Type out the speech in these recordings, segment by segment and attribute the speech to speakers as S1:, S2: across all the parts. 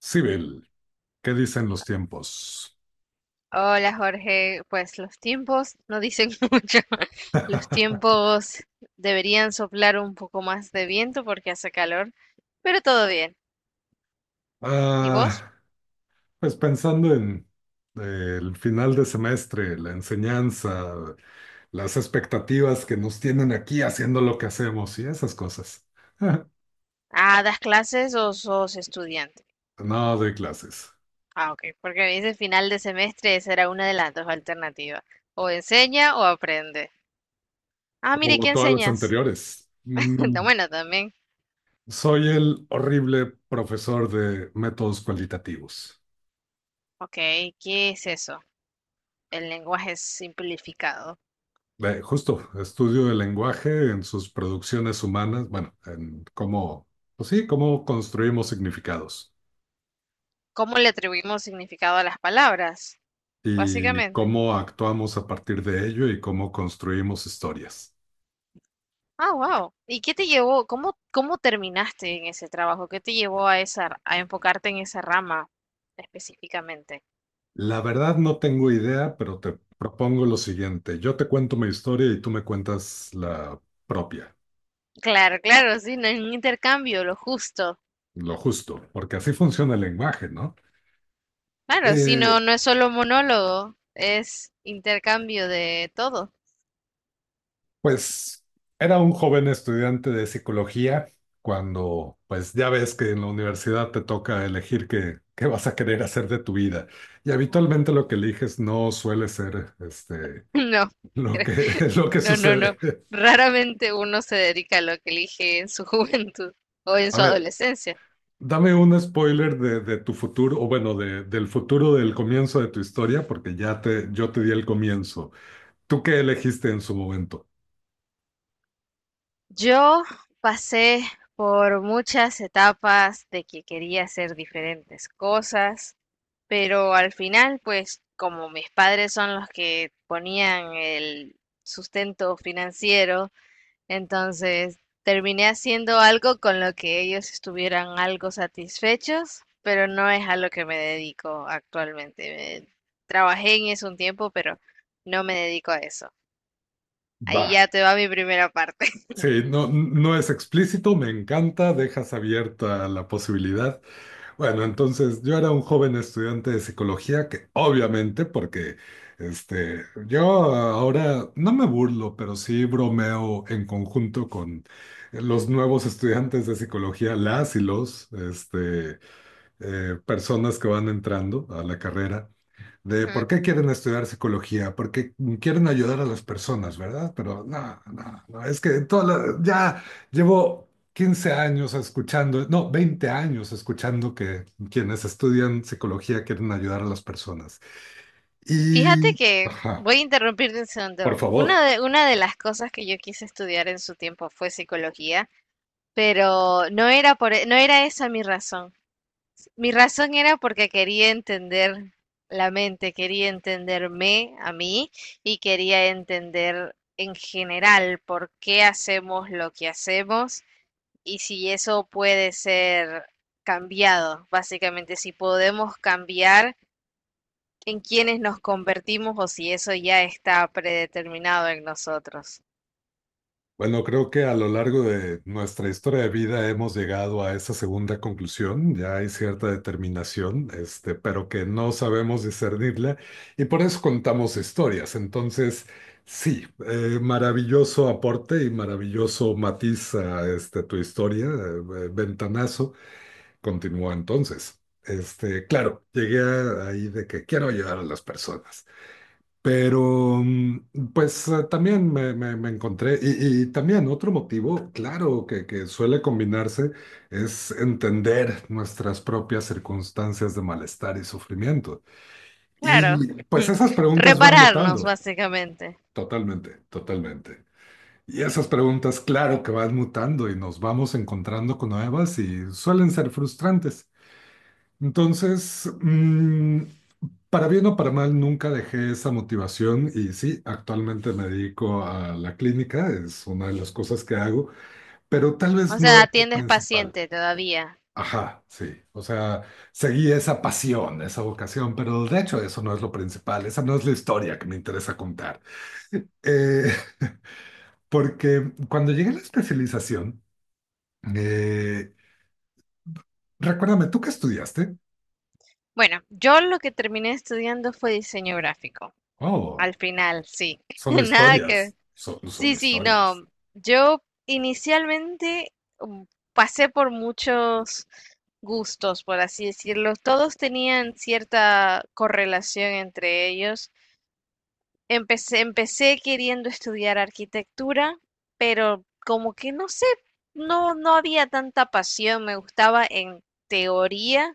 S1: Sibyl, ¿qué dicen los tiempos?
S2: Hola Jorge, pues los tiempos no dicen mucho. Los tiempos deberían soplar un poco más de viento porque hace calor, pero todo bien. ¿Y vos?
S1: Ah, pues pensando en el final de semestre, la enseñanza, las expectativas que nos tienen aquí haciendo lo que hacemos y esas cosas.
S2: Ah, ¿das clases o sos estudiante?
S1: No doy clases,
S2: Ah, ok, porque me dice final de semestre, esa era una de las dos alternativas. O enseña o aprende. Ah, mire,
S1: o
S2: ¿qué
S1: todas las
S2: enseñas?
S1: anteriores.
S2: Está bueno, también.
S1: Soy el horrible profesor de métodos cualitativos.
S2: Ok, ¿qué es eso? El lenguaje simplificado.
S1: Justo, estudio del lenguaje en sus producciones humanas, bueno, en cómo, pues sí, cómo construimos significados
S2: ¿Cómo le atribuimos significado a las palabras?
S1: y
S2: Básicamente.
S1: cómo actuamos a partir de ello y cómo construimos historias.
S2: Ah, wow. ¿Y qué te llevó? ¿¿Cómo terminaste en ese trabajo? ¿Qué te llevó a esa, a enfocarte en esa rama específicamente?
S1: La verdad no tengo idea, pero te propongo lo siguiente. Yo te cuento mi historia y tú me cuentas la propia,
S2: Claro, claro, sí, no es un intercambio, lo justo.
S1: lo justo, porque así funciona el lenguaje, ¿no?
S2: Claro, sí,
S1: Eh,
S2: no, no es solo monólogo, es intercambio de todo.
S1: Pues era un joven estudiante de psicología cuando, pues ya ves que en la universidad te toca elegir qué vas a querer hacer de tu vida. Y habitualmente lo que eliges no suele ser
S2: No,
S1: lo
S2: cre-
S1: que, lo que
S2: no, no, no.
S1: sucede.
S2: Raramente uno se dedica a lo que elige en su juventud o en
S1: A
S2: su
S1: ver,
S2: adolescencia.
S1: dame un spoiler de tu futuro, o bueno, de, del futuro del comienzo de tu historia, porque yo te di el comienzo. ¿Tú qué elegiste en su momento?
S2: Yo pasé por muchas etapas de que quería hacer diferentes cosas, pero al final, pues como mis padres son los que ponían el sustento financiero, entonces terminé haciendo algo con lo que ellos estuvieran algo satisfechos, pero no es a lo que me dedico actualmente. Me- Trabajé en eso un tiempo, pero no me dedico a eso. Ahí
S1: Va.
S2: ya te va mi primera parte.
S1: Sí, no, no es explícito, me encanta, dejas abierta la posibilidad. Bueno, entonces yo era un joven estudiante de psicología que obviamente, porque yo ahora no me burlo, pero sí bromeo en conjunto con los nuevos estudiantes de psicología, las y los personas que van entrando a la carrera de por
S2: Ujú.
S1: qué quieren estudiar psicología, porque quieren ayudar a las personas, ¿verdad? Pero no, no, no, es que ya llevo 15 años escuchando, no, 20 años escuchando que quienes estudian psicología quieren ayudar a las personas.
S2: Fíjate
S1: Y,
S2: que
S1: ajá,
S2: voy a interrumpirte un
S1: por
S2: segundo.
S1: favor.
S2: Una de las cosas que yo quise estudiar en su tiempo fue psicología, pero no era no era esa mi razón. Mi razón era porque quería entender la mente, quería entenderme a mí y quería entender en general por qué hacemos lo que hacemos y si eso puede ser cambiado, básicamente, si podemos cambiar en quienes nos convertimos o si eso ya está predeterminado en nosotros.
S1: Bueno, creo que a lo largo de nuestra historia de vida hemos llegado a esa segunda conclusión, ya hay cierta determinación, pero que no sabemos discernirla y por eso contamos historias. Entonces, sí, maravilloso aporte y maravilloso matiz a este, tu historia, ventanazo. Continúa entonces. Claro, llegué ahí de que quiero ayudar a las personas. Pero, pues también me encontré, y también otro motivo, claro, que suele combinarse es entender nuestras propias circunstancias de malestar y sufrimiento.
S2: Claro,
S1: Y pues esas preguntas van
S2: repararnos
S1: mutando,
S2: básicamente.
S1: totalmente, totalmente. Y esas preguntas, claro que van mutando y nos vamos encontrando con nuevas y suelen ser frustrantes. Entonces, para bien o para mal, nunca dejé esa motivación y sí, actualmente me dedico a la clínica, es una de las cosas que hago, pero tal
S2: O
S1: vez no
S2: sea,
S1: es lo
S2: ¿atiendes
S1: principal.
S2: paciente todavía?
S1: Ajá, sí, o sea, seguí esa pasión, esa vocación, pero de hecho eso no es lo principal, esa no es la historia que me interesa contar. Eh, Porque cuando llegué a la especialización, eh, recuérdame, ¿tú qué estudiaste?
S2: Bueno, yo lo que terminé estudiando fue diseño gráfico.
S1: Oh,
S2: Al final, sí.
S1: son
S2: Nada que...
S1: historias, son
S2: Sí, sí,
S1: historias.
S2: no. Yo inicialmente mm, pasé por muchos gustos, por así decirlo. Todos tenían cierta correlación entre ellos. Empecé queriendo estudiar arquitectura, pero como que no sé, no, no había tanta pasión, me gustaba en teoría,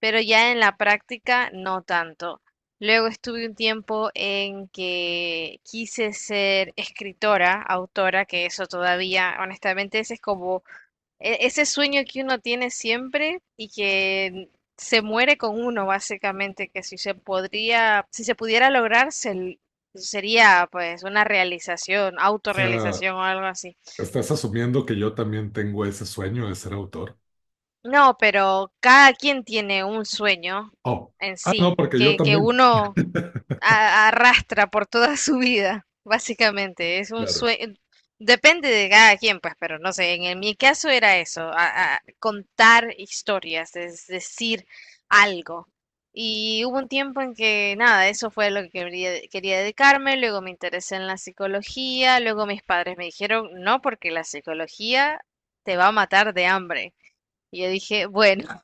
S2: pero ya en la práctica no tanto. Luego estuve un tiempo en que quise ser escritora, autora, que eso todavía, honestamente, ese es como ese sueño que uno tiene siempre y que se muere con uno, básicamente, que si se podría, si se pudiera lograr, sería pues una realización,
S1: O sea,
S2: autorrealización o algo así.
S1: estás asumiendo que yo también tengo ese sueño de ser autor.
S2: No, pero cada quien tiene un sueño
S1: Oh,
S2: en
S1: ah, no,
S2: sí,
S1: porque yo
S2: que
S1: también.
S2: uno arrastra por toda su vida, básicamente. Es un
S1: Claro.
S2: sueño, depende de cada quien, pues, pero no sé, mi caso era eso, a contar historias, es decir, algo. Y hubo un tiempo en que nada, eso fue lo que quería, quería dedicarme, luego me interesé en la psicología, luego mis padres me dijeron, no, porque la psicología te va a matar de hambre. Y yo dije, bueno,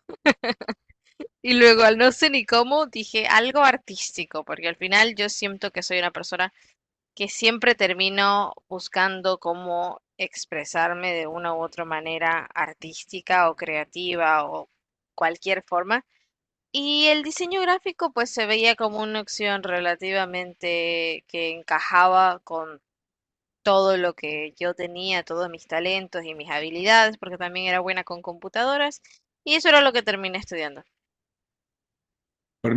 S2: y luego, al no sé ni cómo, dije algo artístico, porque al final yo siento que soy una persona que siempre termino buscando cómo expresarme de una u otra manera artística o creativa o cualquier forma. Y el diseño gráfico pues se veía como una opción relativamente que encajaba con todo lo que yo tenía, todos mis talentos y mis habilidades, porque también era buena con computadoras. Y eso era lo que terminé estudiando.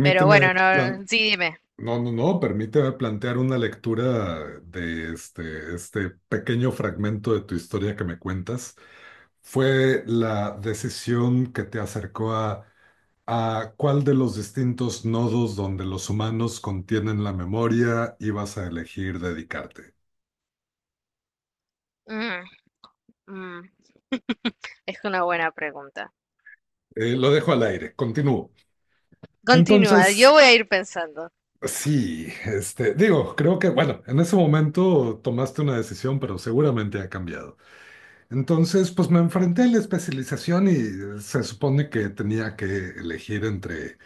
S2: Pero bueno, no, sí, dime.
S1: no, no, no, permíteme plantear una lectura de este pequeño fragmento de tu historia que me cuentas. ¿Fue la decisión que te acercó a cuál de los distintos nodos donde los humanos contienen la memoria ibas a elegir dedicarte?
S2: Mm, mm. Es una buena pregunta.
S1: Lo dejo al aire, continúo.
S2: Continúa, yo
S1: Entonces,
S2: voy a ir pensando.
S1: sí, digo, creo que, bueno, en ese momento tomaste una decisión, pero seguramente ha cambiado. Entonces, pues me enfrenté a la especialización y se supone que tenía que elegir entre,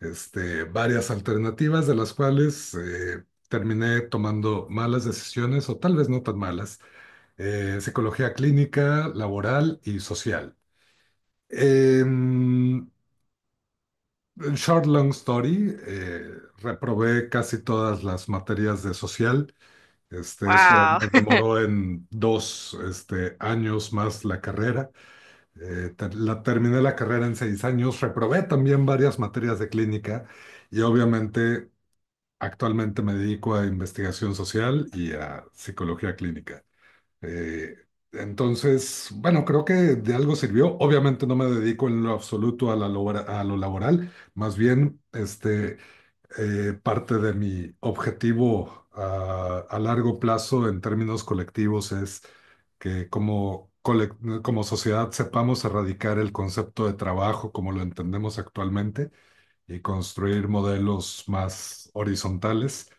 S1: varias alternativas, de las cuales terminé tomando malas decisiones o tal vez no tan malas, psicología clínica, laboral y social. Em, short long story, reprobé casi todas las materias de social. Eso
S2: Wow.
S1: me demoró en dos años más la carrera. Terminé la carrera en 6 años, reprobé también varias materias de clínica y obviamente actualmente me dedico a investigación social y a psicología clínica. Eh, entonces, bueno, creo que de algo sirvió. Obviamente no me dedico en lo absoluto a lo laboral, más bien parte de mi objetivo a largo plazo en términos colectivos es que como sociedad sepamos erradicar el concepto de trabajo como lo entendemos actualmente y construir modelos más horizontales.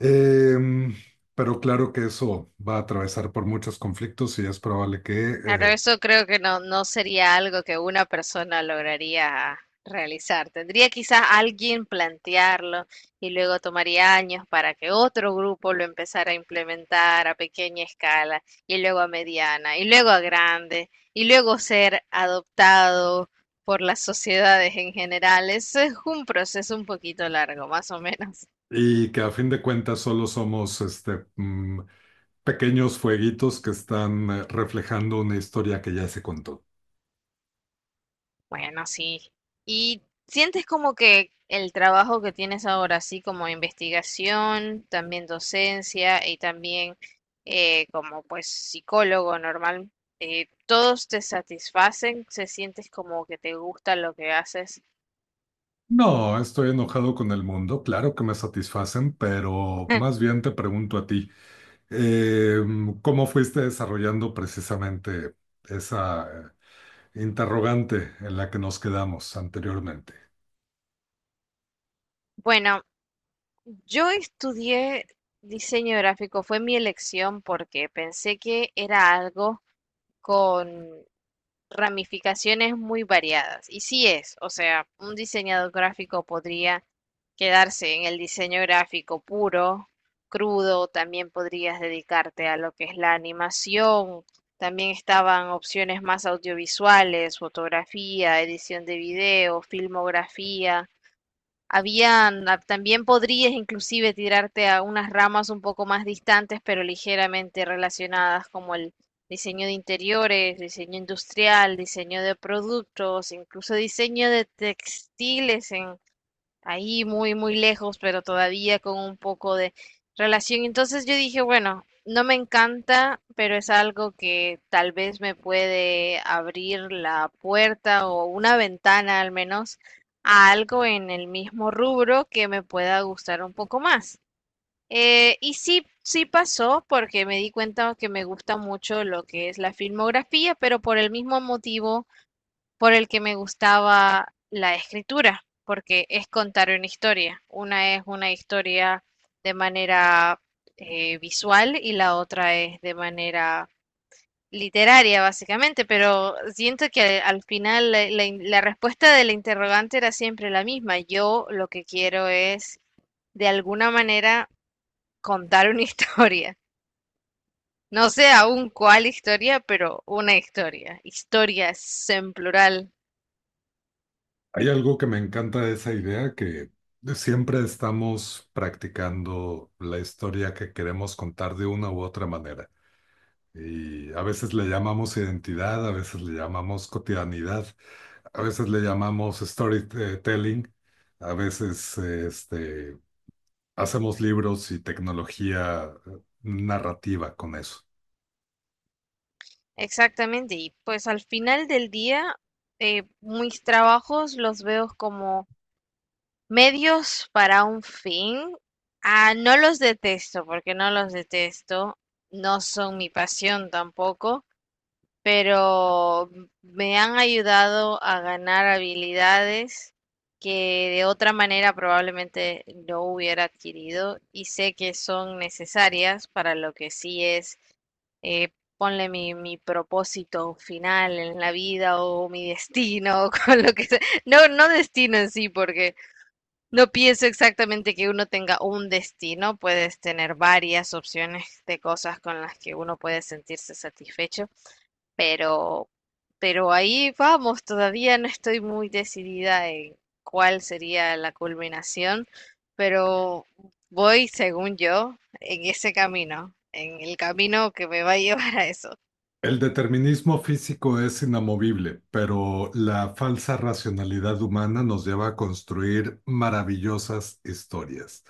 S1: Em, pero claro que eso va a atravesar por muchos conflictos y es probable que
S2: Claro, eso creo que no, no sería algo que una persona lograría realizar. Tendría quizás alguien plantearlo y luego tomaría años para que otro grupo lo empezara a implementar a pequeña escala y luego a mediana y luego a grande y luego ser adoptado por las sociedades en general. Eso es un proceso un poquito largo, más o menos.
S1: Y que a fin de cuentas solo somos pequeños fueguitos que están reflejando una historia que ya se contó.
S2: Bueno, sí. ¿Y sientes como que el trabajo que tienes ahora, así como investigación, también docencia y también como pues psicólogo normal, todos te satisfacen? ¿Se sientes como que te gusta lo que haces?
S1: No, estoy enojado con el mundo, claro que me satisfacen, pero más bien te pregunto a ti, eh, ¿cómo fuiste desarrollando precisamente esa interrogante en la que nos quedamos anteriormente?
S2: Bueno, yo estudié diseño gráfico, fue mi elección porque pensé que era algo con ramificaciones muy variadas. Y sí es, o sea, un diseñador gráfico podría quedarse en el diseño gráfico puro, crudo, también podrías dedicarte a lo que es la animación, también estaban opciones más audiovisuales, fotografía, edición de video, filmografía. Habían, ah, también podrías inclusive tirarte a unas ramas un poco más distantes, pero ligeramente relacionadas, como el diseño de interiores, diseño industrial, diseño de productos, incluso diseño de textiles en ahí muy, muy lejos, pero todavía con un poco de relación. Entonces yo dije, bueno, no me encanta, pero es algo que tal vez me puede abrir la puerta o una ventana al menos a algo en el mismo rubro que me pueda gustar un poco más. Y sí, sí pasó porque me di cuenta que me gusta mucho lo que es la filmografía, pero por el mismo motivo por el que me gustaba la escritura, porque es contar una historia. Una es una historia de manera visual y la otra es de manera literaria, básicamente, pero siento que al final la respuesta del interrogante era siempre la misma. Yo lo que quiero es, de alguna manera, contar una historia. No sé aún cuál historia, pero una historia. Historias en plural.
S1: Hay algo que me encanta de esa idea, que siempre estamos practicando la historia que queremos contar de una u otra manera. Y a veces le llamamos identidad, a veces le llamamos cotidianidad, a veces le llamamos storytelling, a veces hacemos libros y tecnología narrativa con eso.
S2: Exactamente, y pues al final del día, mis trabajos los veo como medios para un fin. Ah, no los detesto, porque no los detesto, no son mi pasión tampoco, pero me han ayudado a ganar habilidades que de otra manera probablemente no hubiera adquirido y sé que son necesarias para lo que sí es, eh, ponle mi propósito final en la vida o mi destino, o con lo que sea. No, no destino en sí, porque no pienso exactamente que uno tenga un destino, puedes tener varias opciones de cosas con las que uno puede sentirse satisfecho, pero, pero ahí vamos, todavía no estoy muy decidida en cuál sería la culminación, pero voy, según yo, en ese camino, en el camino que me va a llevar a eso.
S1: El determinismo físico es inamovible, pero la falsa racionalidad humana nos lleva a construir maravillosas historias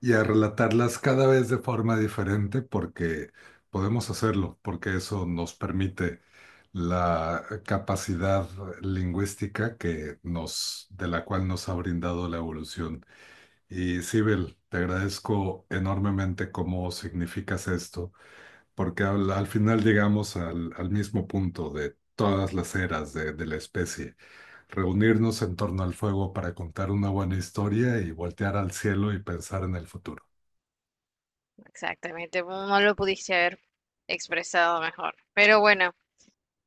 S1: y a relatarlas cada vez de forma diferente porque podemos hacerlo, porque eso nos permite la capacidad lingüística de la cual nos ha brindado la evolución. Y Sibel, te agradezco enormemente cómo significas esto porque al final llegamos al mismo punto de todas las eras de la especie. Reunirnos en torno al fuego para contar una buena historia y voltear al cielo y pensar en el futuro,
S2: Exactamente, no no lo pudiste haber expresado mejor. Pero bueno,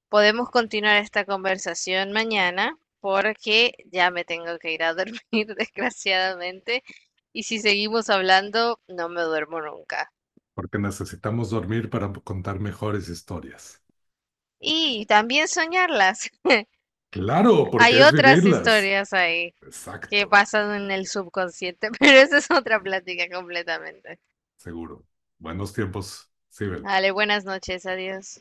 S2: podemos continuar esta conversación mañana porque ya me tengo que ir a dormir, desgraciadamente, y si seguimos hablando, no me duermo nunca.
S1: porque necesitamos dormir para contar mejores historias.
S2: Y también soñarlas.
S1: Claro, porque
S2: Hay
S1: es
S2: otras
S1: vivirlas.
S2: historias ahí que
S1: Exacto,
S2: pasan en el subconsciente, pero esa es otra plática completamente.
S1: seguro. Buenos tiempos, sí,
S2: Dale, buenas noches, adiós.